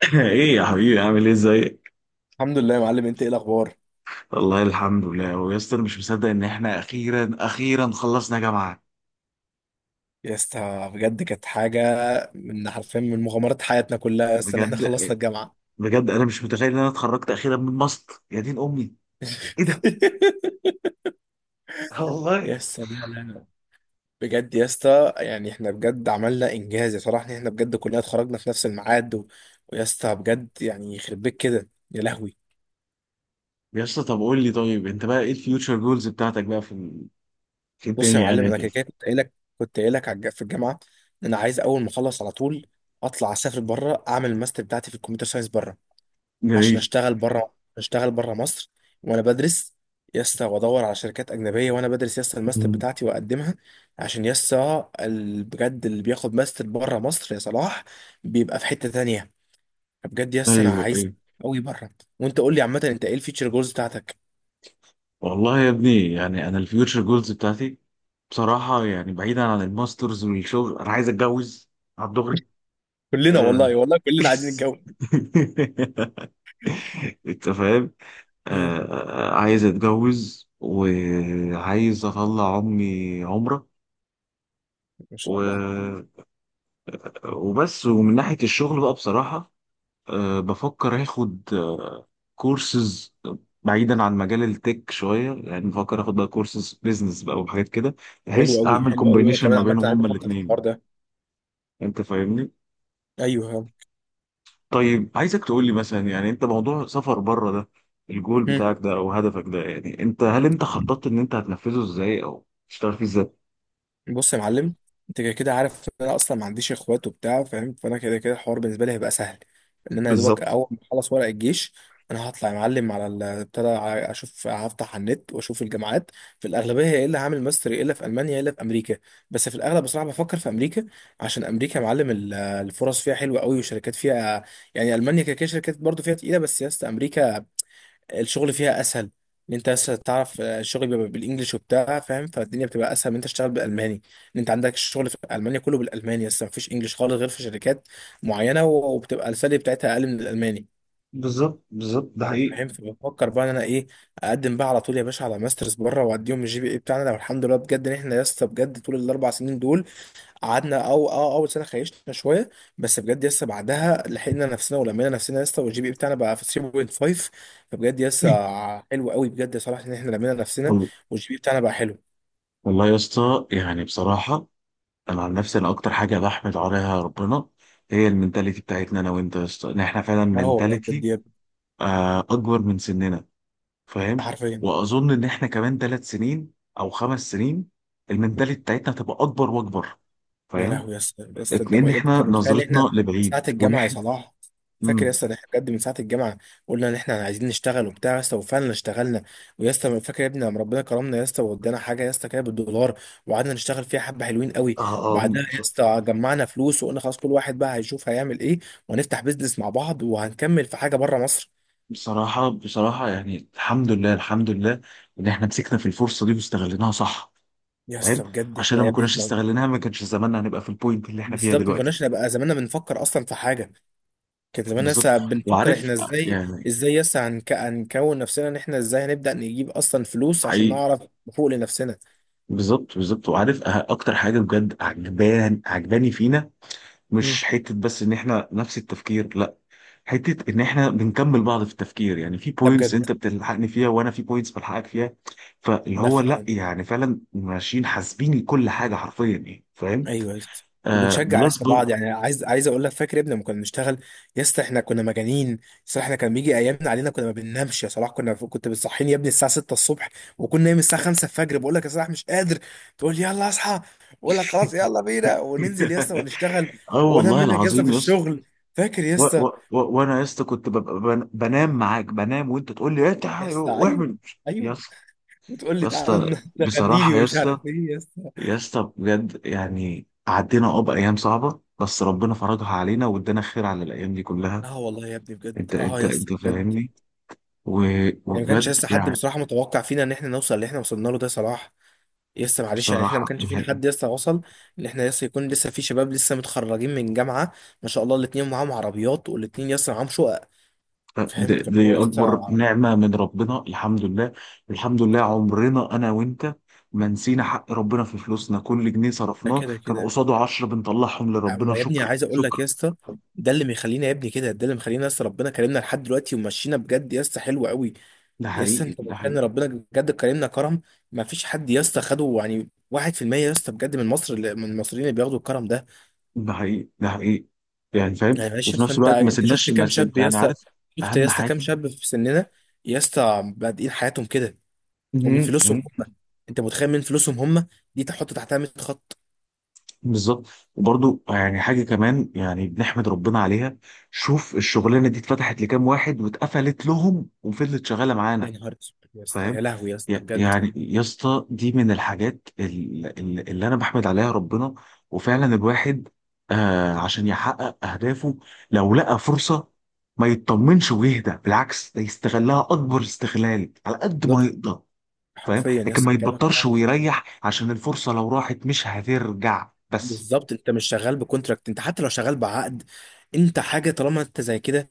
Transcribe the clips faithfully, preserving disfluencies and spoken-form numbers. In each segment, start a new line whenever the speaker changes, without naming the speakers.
ايه يا حبيبي، عامل ايه؟ ازيك؟
الحمد لله يا معلم، انت ايه الاخبار؟
والله الحمد لله. ويا اسطى انا مش مصدق ان احنا اخيرا اخيرا خلصنا جامعه.
يا اسطى بجد كانت حاجه، من حرفيا من مغامرات حياتنا كلها يا اسطى ان
بجد
احنا خلصنا الجامعه.
بجد انا مش متخيل ان انا اتخرجت اخيرا من ماست يا دين امي. ايه ده؟ آه والله.
يا اسطى لا لا لا، بجد يا اسطى يعني احنا بجد عملنا انجاز يا صراحه، ان احنا بجد كلنا اتخرجنا في نفس الميعاد و... ويا اسطى بجد يعني يخرب بيك كده، يا لهوي.
يا اسطى طب قول لي، طيب انت بقى ايه الفيوتشر جولز بتاعتك بقى في ال- في
بص يا
الدنيا
معلم،
يعني
انا
كده؟
كده كده كنت قايل لك، كنت قايل لك على الج- في الجامعه ان انا عايز اول ما اخلص على طول اطلع اسافر بره، اعمل الماستر بتاعتي في الكمبيوتر ساينس بره. عشان
جميل.
اشتغل بره، اشتغل بره مصر وانا بدرس يسطا، وادور على شركات اجنبيه وانا بدرس يسطا الماستر
مم.
بتاعتي واقدمها. عشان يسطا ال- بجد اللي بياخد ماستر بره مصر يا صلاح بيبقى في حته تانية. بجد يسطا انا
ايوه
عايز
ايوه.
قوي بره. وانت قول لي عامه، انت ايه الفيتشر جولز بتاعتك؟
والله يا ابني يعني انا الفيوتشر جولز بتاعتي بصراحه يعني بعيدا عن الماسترز والشغل، انا عايز اتجوز على الدغري.
كلنا والله والله كلنا عايزين نتجوز.
انت فاهم.
مم.
آه، عايز اتجوز وعايز اطلع امي عمره
ما شاء الله.
و... وبس. ومن ناحية الشغل بقى بصراحة، آه بفكر اخد آه كورسز بعيدا عن مجال التك شوية. يعني بفكر اخد بقى كورسز بيزنس بقى وحاجات كده،
حلو
بحيث
قوي،
اعمل
حلو قوي، وانا
كومبينيشن
كمان
ما
عامه
بينهم
عايز
هما
افكر في الحوار
الاثنين.
ده.
انت فاهمني؟
ايوه.
طيب عايزك تقول لي مثلا، يعني انت موضوع سفر بره ده، الجول
مم.
بتاعك ده او هدفك ده، يعني انت هل انت خططت ان انت هتنفذه ازاي او تشتغل فيه ازاي؟
بص يا معلم، انت كده كده عارف ان انا اصلا ما عنديش اخوات وبتاع فاهم، فانا كده كده الحوار بالنسبه لي هيبقى سهل. ان انا يا دوبك
بالظبط
اول ما اخلص ورق الجيش انا هطلع يا معلم على ال- ابتدى ع- اشوف، هفتح على النت واشوف الجامعات. في الاغلبيه يا الا هعمل ماستر يا الا في المانيا يا الا في امريكا، بس في الاغلب بصراحه بفكر في امريكا. عشان امريكا يا معلم ال- الفرص فيها حلوه قوي والشركات فيها، يعني المانيا كده كده شركات برضه فيها تقيله، بس يا اسطى امريكا الشغل فيها اسهل. ان انت بس تعرف آه، الشغل بيبقى بالانجلش وبتاع فاهم، فالدنيا بتبقى اسهل. ان انت تشتغل بالالماني، ان انت عندك الشغل في المانيا كله بالالماني بس مفيش انجلش خالص غير في شركات معينه، وبتبقى السالري بتاعتها اقل من الالماني.
بالظبط بالظبط ده حقيقي.
فاهم؟ فبفكر بقى ان انا ايه، اقدم بقى على طول يا باشا على ماسترز بره واديهم الجي بي اي بتاعنا، لو الحمد لله بجد ان احنا لسه بجد طول الاربع سنين دول قعدنا، او اه اول سنه خيشنا شويه بس بجد لسه بعدها لحقنا نفسنا ولمينا نفسنا لسه، والجي بي اي بتاعنا بقى في تلاته فاصلة خمسة. فبجد لسه حلو قوي بجد يا صلاح ان احنا لمينا نفسنا
وال-
والجي بي اي بتاعنا بقى حلو.
والله يا اسطى يعني بصراحة، أنا عن نفسي أنا أكتر حاجة بحمد عليها ربنا هي المنتاليتي بتاعتنا أنا وأنت يا اسطى. إن إحنا فعلا
اه والله بجد
منتاليتي
يا ابني،
آه، أكبر من سننا. فاهم؟
حرفيا.
وأظن إن إحنا كمان ثلاث سنين أو خمس سنين المنتاليتي بتاعتنا هتبقى أكبر وأكبر.
يا
فاهم؟
لهوي يا اسطى، يا اسطى انت
لان
يا ابني
احنا
انت متخيل احنا
نظرتنا لبعيد
ساعة الجامعة يا
ونحن
صلاح؟ فاكر يا
امم
اسطى؟ ده احنا بجد من ساعة الجامعة قلنا ان احنا عايزين نشتغل وبتاع يا اسطى، وفعلا اشتغلنا. ويا اسطى فاكر يا ابني لما ربنا كرمنا يا اسطى وادانا حاجة يا اسطى كده بالدولار، وقعدنا نشتغل فيها حبة حلوين قوي.
اه اه.
بعدها
بص-
يا اسطى جمعنا فلوس وقلنا خلاص كل واحد بقى هيشوف هيعمل ايه، وهنفتح بيزنس مع بعض وهنكمل في حاجة بره مصر.
بصراحه بصراحه يعني الحمد لله الحمد لله ان احنا مسكنا في الفرصه دي واستغليناها صح.
يا
فاهم؟
اسطى بجد
عشان لو
احنا يا
ما
ابني
كناش
اتنا-
استغليناها ما كانش زماننا هنبقى في البوينت اللي احنا فيها
بالظبط، ما
دلوقتي.
كناش نبقى زماننا بنفكر اصلا في حاجة، كان زمان
بالظبط
لسه بنفكر
وعارف
احنا ازاي،
يعني،
ازاي لسه هنك... هنكون نفسنا ان احنا ازاي هنبدأ نجيب اصلا فلوس عشان
حقيقي.
نعرف نفوق لنفسنا.
بالظبط بالظبط وعارف أه- اكتر حاجه بجد عجبان عجباني فينا،
مم.
مش حته بس ان احنا نفس التفكير، لا، حته ان احنا بنكمل بعض في التفكير. يعني في
ده
بوينتس
بجد.
انت بتلحقني فيها وانا في بوينتس بلحقك فيها. فاللي
ده
هو لا
فعلا.
يعني فعلا ماشيين حاسبين كل حاجه حرفيا يعني. فاهم؟
ايوه يا اسطى.
آه
وبنشجع يا
بلس
اسطى
بر.
بعض، يعني عايز عايز اقول لك، فاكر يا ابني لما كنا بنشتغل يا اسطى احنا كنا مجانين؟ صلاح احنا كان بيجي ايامنا علينا كنا ما بننامش يا صلاح، كنا كنت بتصحيني يا ابني الساعه سته الصبح وكنا نايم الساعه خمسه الفجر، بقول لك يا صلاح مش قادر، تقول لي يلا اصحى، اقول لك خلاص يلا بينا، وننزل يا اسطى ونشتغل
اه
وانام
والله
منك يا اسطى في
العظيم يا اسطى.
الشغل. فاكر يا
و- و-
اسطى؟
و- وانا يا اسطى كنت ببقى بن- بنام معاك. بنام وانت تقول لي انت
يس. ايوه،
واعمل يا
ايوه.
اسطى
وتقول
يا
لي تعالى
اسطى.
ن- نغني لي
بصراحه يا
ومش
اسطى،
عارف ايه يس.
يا اسطى بجد يعني عدينا اه بايام صعبه، بس ربنا فرجها علينا وادانا خير على الايام دي كلها.
لا والله يا ابني بجد
انت
اه
انت
يس
انت
بجد.
فاهمني. و-
يعني ما كانش
وبجد
لسه حد
يعني
بصراحه متوقع فينا ان احنا نوصل اللي احنا وصلنا له ده صلاح، يس معلش يعني احنا ما
بصراحة
كانش فينا
نهائي.
حد لسه وصل. ان احنا لسه يكون لسه في شباب لسه متخرجين من جامعه، ما شاء الله الاتنين معاهم عربيات والاتنين لسه معاهم شقق،
ده-
فاهم؟ فهو
دي أكبر
لسه.
نعمة من ربنا، الحمد لله. الحمد لله عمرنا أنا وأنت ما نسينا حق ربنا في فلوسنا. كل جنيه
ده
صرفناه
كده
كان
كده.
قصاده عشرة بنطلعهم لربنا،
أما يا ابني
شكر
عايز اقول
شكر.
لك يا اسطى، ده اللي مخلينا يا ابني كده، ده اللي مخلينا لسه ربنا كرمنا لحد دلوقتي ومشينا بجد يا اسطى حلو قوي.
ده
يس
حقيقي
انت
ده
بتكلم،
حقيقي
ربنا بجد كرمنا كرم ما فيش حد يس خده، يعني واحد في المية، يس بجد من مصر، اللي- من المصريين اللي بياخدوا الكرم ده.
ده حقيقي ده حقيقي يعني. فاهم؟
يعني معلش
وفي
يس،
نفس
انت
الوقت ما
انت
سيبناش
شفت
ما
كام
سيب
شاب
يعني.
يس؟
عارف؟
شفت
أهم
يس كام
حاجة.
شاب في سننا يس بادئين حياتهم كده؟ ومن فلوسهم هم، انت متخيل؟ من فلوسهم هم. دي تحط تحتها ميه خط.
بالظبط. وبرضو يعني حاجة كمان يعني بنحمد ربنا عليها، شوف الشغلانة دي اتفتحت لكام واحد واتقفلت لهم وفضلت شغالة
يا
معانا.
نهار اسود يس،
فاهم؟
يا لهوي يس
ي-
بجد.
يعني يا اسطى دي من الحاجات ال- ال- اللي انا بحمد عليها ربنا. وفعلا الواحد آه عشان يحقق اهدافه، لو لقى فرصة ما يطمنش ويهدى، بالعكس ده يستغلها اكبر استغلال على قد ما
بالظبط،
يقدر. فاهم؟
حرفيا
لكن
يس
ما
كلامك
يتبطرش
فعلا.
ويريح، عشان الفرصة لو راحت مش هترجع بس.
بالظبط، انت مش شغال بكونتراكت، انت حتى لو شغال بعقد، انت حاجه طالما انت زي كده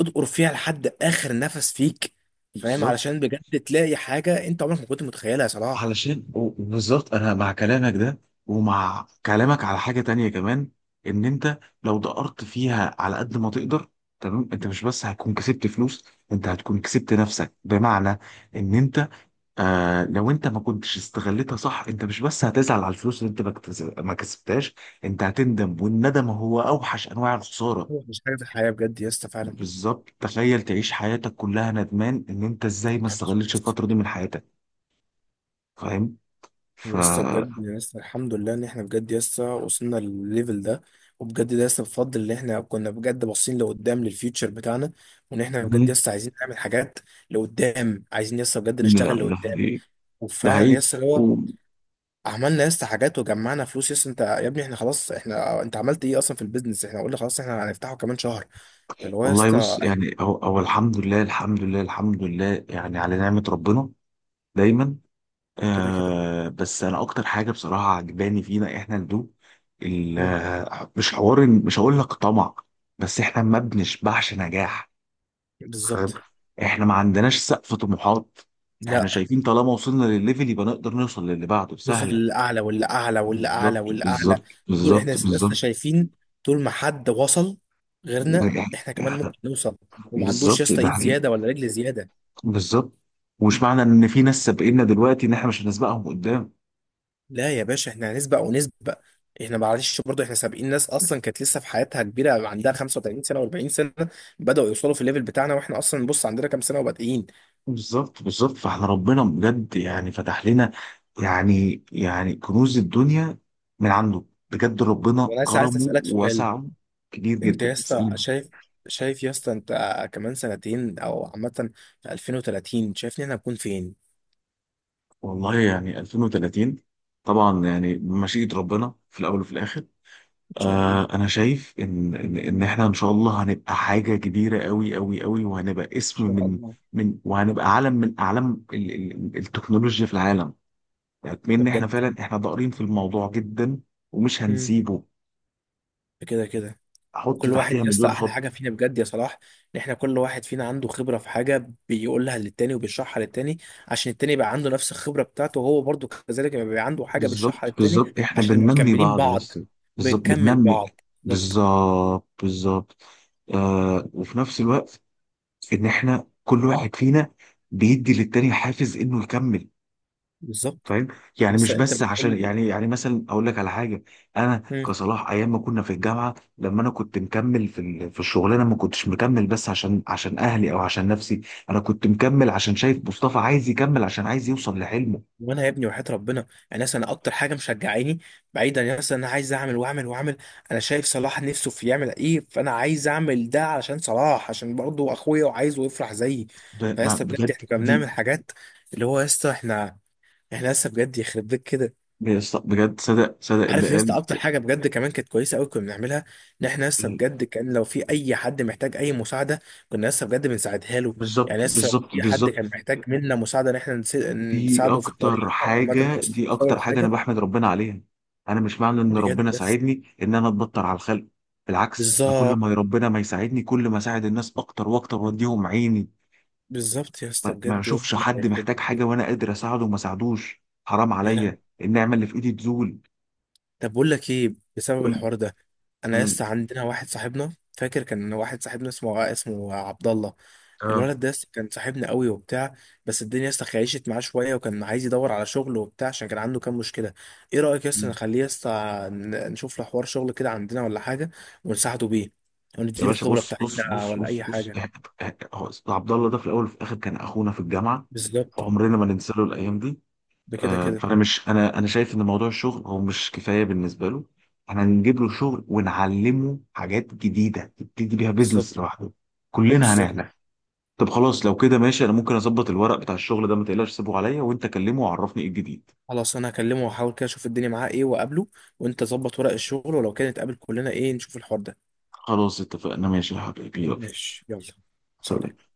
ادقر فيها لحد اخر نفس فيك. فاهم؟
بالظبط.
علشان بجد تلاقي حاجه انت عمرك ما كنت متخيلها يا صلاح.
علشان و- بالظبط انا مع كلامك ده، ومع كلامك على حاجه تانية كمان، ان انت لو دقرت فيها على قد ما تقدر، تمام، انت مش بس هتكون كسبت فلوس، انت هتكون كسبت نفسك، بمعنى ان انت آه لو انت ما كنتش استغلتها صح، انت مش بس هتزعل على الفلوس اللي انت ما كتس- ما كسبتهاش. انت هتندم، والندم هو اوحش انواع الخساره.
هو مش حاجه في الحياه بجد يا اسطى فعلا.
بالظبط، تخيل تعيش حياتك كلها ندمان ان انت ازاي ما
الحمد لله يا
استغلتش الفتره
اسطى.
دي من حياتك. فاهم؟ ف
يا اسطى بجد يا اسطى، الحمد لله ان احنا بجد يا اسطى وصلنا للليفل ده، وبجد ده يا اسطى بفضل ان احنا كنا بجد باصين لقدام للفيوتشر بتاعنا، وان احنا بجد
مم.
يا اسطى عايزين نعمل حاجات لقدام، عايزين يا اسطى بجد
لا
نشتغل
ده
لقدام.
حقيقي ده
وفعلا يا
حقيقي.
اسطى اللي هو
و-
عملنا يا اسطى حاجات، وجمعنا فلوس يا اسطى. انت يا ابني احنا خلاص، احنا انت عملت ايه اصلا في البيزنس؟ احنا قلنا خلاص احنا هنفتحه كمان شهر، اللي هو يا
والله
اسطى
بص
إحنا
يعني، هو هو الحمد لله الحمد لله الحمد لله يعني على نعمة ربنا دايما.
كده كده.
آه بس انا اكتر حاجة بصراحة عجباني فينا احنا الدو ال-
مم.
آه، مش حوار إن- مش هقول لك طمع، بس احنا ما بنشبعش نجاح. فاهم؟
بالظبط.
احنا ما عندناش سقف طموحات. احنا
لا،
شايفين طالما وصلنا للليفل يبقى نقدر نوصل للي بعده
دوس
سهلة.
الاعلى والاعلى والاعلى
بالظبط
والاعلى.
بالظبط
دول احنا
بالظبط
لسه
بالظبط،
شايفين، طول ما حد وصل غيرنا
يعني،
احنا كمان
يعني
ممكن نوصل، وما عندوش يا
بالظبط
اسطى
ده
ايد زياده ولا رجل زياده.
بالظبط. ومش معنى ان في ناس سابقنا دلوقتي ان احنا مش هنسبقهم قدام.
لا يا باشا احنا هنسبق ونسبق. احنا معلش برضه احنا سابقين ناس اصلا كانت لسه في حياتها كبيره عندها خمسة وثلاثين سنه و40 سنه بداوا يوصلوا في الليفل بتاعنا، واحنا اصلا بص عندنا كام سنه وبادئين.
بالظبط بالظبط. فاحنا ربنا بجد يعني فتح لنا يعني يعني كنوز الدنيا من عنده. بجد ربنا
وانا لسه عايز
كرمه
اسالك سؤال،
ووسعه كبير
انت يا
جدا، بس
اسطى
أنا
شايف، شايف يا اسطى انت كمان سنتين او عامة في ألفين وثلاثين شايفني انا هكون فين؟
والله يعني ألفين وثلاثين طبعا يعني بمشيئة ربنا في الاول وفي الاخر.
ان شاء الله، ان
آه انا شايف ان ان ان احنا ان شاء الله هنبقى حاجه كبيره قوي قوي قوي، وهنبقى اسم
شاء
من
الله.
من وهنبقى علم من اعلام ال- ال- التكنولوجيا في العالم. يعني
ده
ان احنا
بجد.
فعلا احنا ضارين في الموضوع جدا ومش
امم.
هنسيبه.
ده كده كده.
احط
وكل واحد
تحتيها
يا اسطى،
مليون
احلى
خط.
حاجة فينا بجد يا صلاح ان احنا كل واحد فينا عنده خبرة في حاجة بيقولها للتاني وبيشرحها للتاني، عشان التاني يبقى عنده نفس الخبرة بتاعته، وهو برضه كذلك يبقى عنده حاجة
بالظبط
بيشرحها للتاني،
بالظبط احنا
عشان نبقى
بننمي
مكملين
بعض
بعض.
لسه. بالظبط
بنكمل
بننمي.
بعض. بالظبط،
بالظبط بالظبط. آه وفي نفس الوقت ان احنا كل واحد فينا بيدي للتاني حافز انه يكمل.
بالظبط.
فاهم؟ يعني مش
لسه انت
بس
بتقول
عشان
لي.
يعني يعني مثلا اقول لك على حاجه. انا كصلاح ايام ما كنا في الجامعه، لما انا كنت مكمل في ال- في الشغلانه ما كنتش مكمل بس عشان عشان اهلي او عشان نفسي. انا كنت مكمل عشان شايف مصطفى عايز يكمل، عشان عايز يوصل لحلمه.
وانا يا ابني وحياة ربنا، يعني مثلا انا اكتر حاجه مشجعاني، بعيدا يعني مثلا انا عايز اعمل واعمل واعمل، انا شايف صلاح نفسه في يعمل ايه، فانا عايز اعمل ده علشان صلاح، عشان برضه اخويا وعايزه يفرح زيي.
ب- ما-
فيسطا بجد
بجد
احنا كنا
دي
بنعمل حاجات، اللي هو يسطا احنا، احنا لسه بجد يخرب بيت كده.
بجد. صدق صدق اللي
عارف يا اسطى
قال.
اكتر حاجه بجد كمان كانت كويسه قوي كنا بنعملها؟ ان احنا لسه بجد كان لو في اي حد محتاج اي مساعده كنا لسه بجد بنساعدها له. يعني
بالظبط
لسه لو
بالظبط
في حد كان
بالظبط.
محتاج منا مساعده ان احنا نس-
دي
نساعده في
اكتر
الطريق او عامه
حاجة
نوصله
دي اكتر حاجة انا
لحاجه
بحمد ربنا عليها. انا مش معنى ان
بجد
ربنا
بس.
ساعدني ان انا اتبطر على الخلق، بالعكس انا كل
بالظبط،
ما ربنا ما يساعدني كل ما اساعد الناس اكتر واكتر واديهم عيني.
بالظبط يا اسطى
ما ما
بجد، لو
اشوفش
احنا
حد محتاج
هيخربوا
حاجة
كده
وانا قادر اساعده وما ساعدوش، حرام
يا لهوي.
عليا النعمة اللي في ايدي تزول.
طب بقول لك ايه، بسبب
كل
الحوار ده انا يا
مم.
اسطى عندنا واحد صاحبنا، فاكر؟ كان واحد صاحبنا اسمه اسمه عبد الله.
اه.
الولد ده يا اسطى كان صاحبنا قوي وبتاع، بس الدنيا يا اسطى خيشت معاه شويه وكان عايز يدور على شغل وبتاع عشان كان عنده كام مشكله. ايه رايك يا اسطى
مم.
نخليه يا اسطى ن- نشوف له حوار شغل كده عندنا ولا حاجه، ونساعده بيه
يا
ونديله
باشا
الخبره
بص بص
بتاعتنا
بص
ولا
بص
اي
بص
حاجه؟
إح- إح- هو عبد الله ده في الاول وفي الاخر كان اخونا في الجامعة.
بالظبط،
عمرنا ما ننسى له الايام دي.
بكده
آه،
كده.
فانا مش انا انا شايف ان موضوع الشغل هو مش كفايه بالنسبه له. احنا هنجيب له شغل ونعلمه حاجات جديده يبتدي بيها
بالظبط،
بيزنس لوحده. كلنا
بالظبط.
هنعلم. طب خلاص لو كده ماشي، انا ممكن اظبط الورق بتاع الشغل ده، ما تقلقش سيبه عليا، وانت كلمه وعرفني ايه الجديد.
خلاص انا هكلمه واحاول كده اشوف الدنيا معاه ايه واقابله، وانت ظبط ورق الشغل، ولو كانت قابل كلنا ايه نشوف الحوار ده.
خلاص اتفقنا، ماشي يا حبيبي، يلا.
ماشي يلا، سلام.
سلام.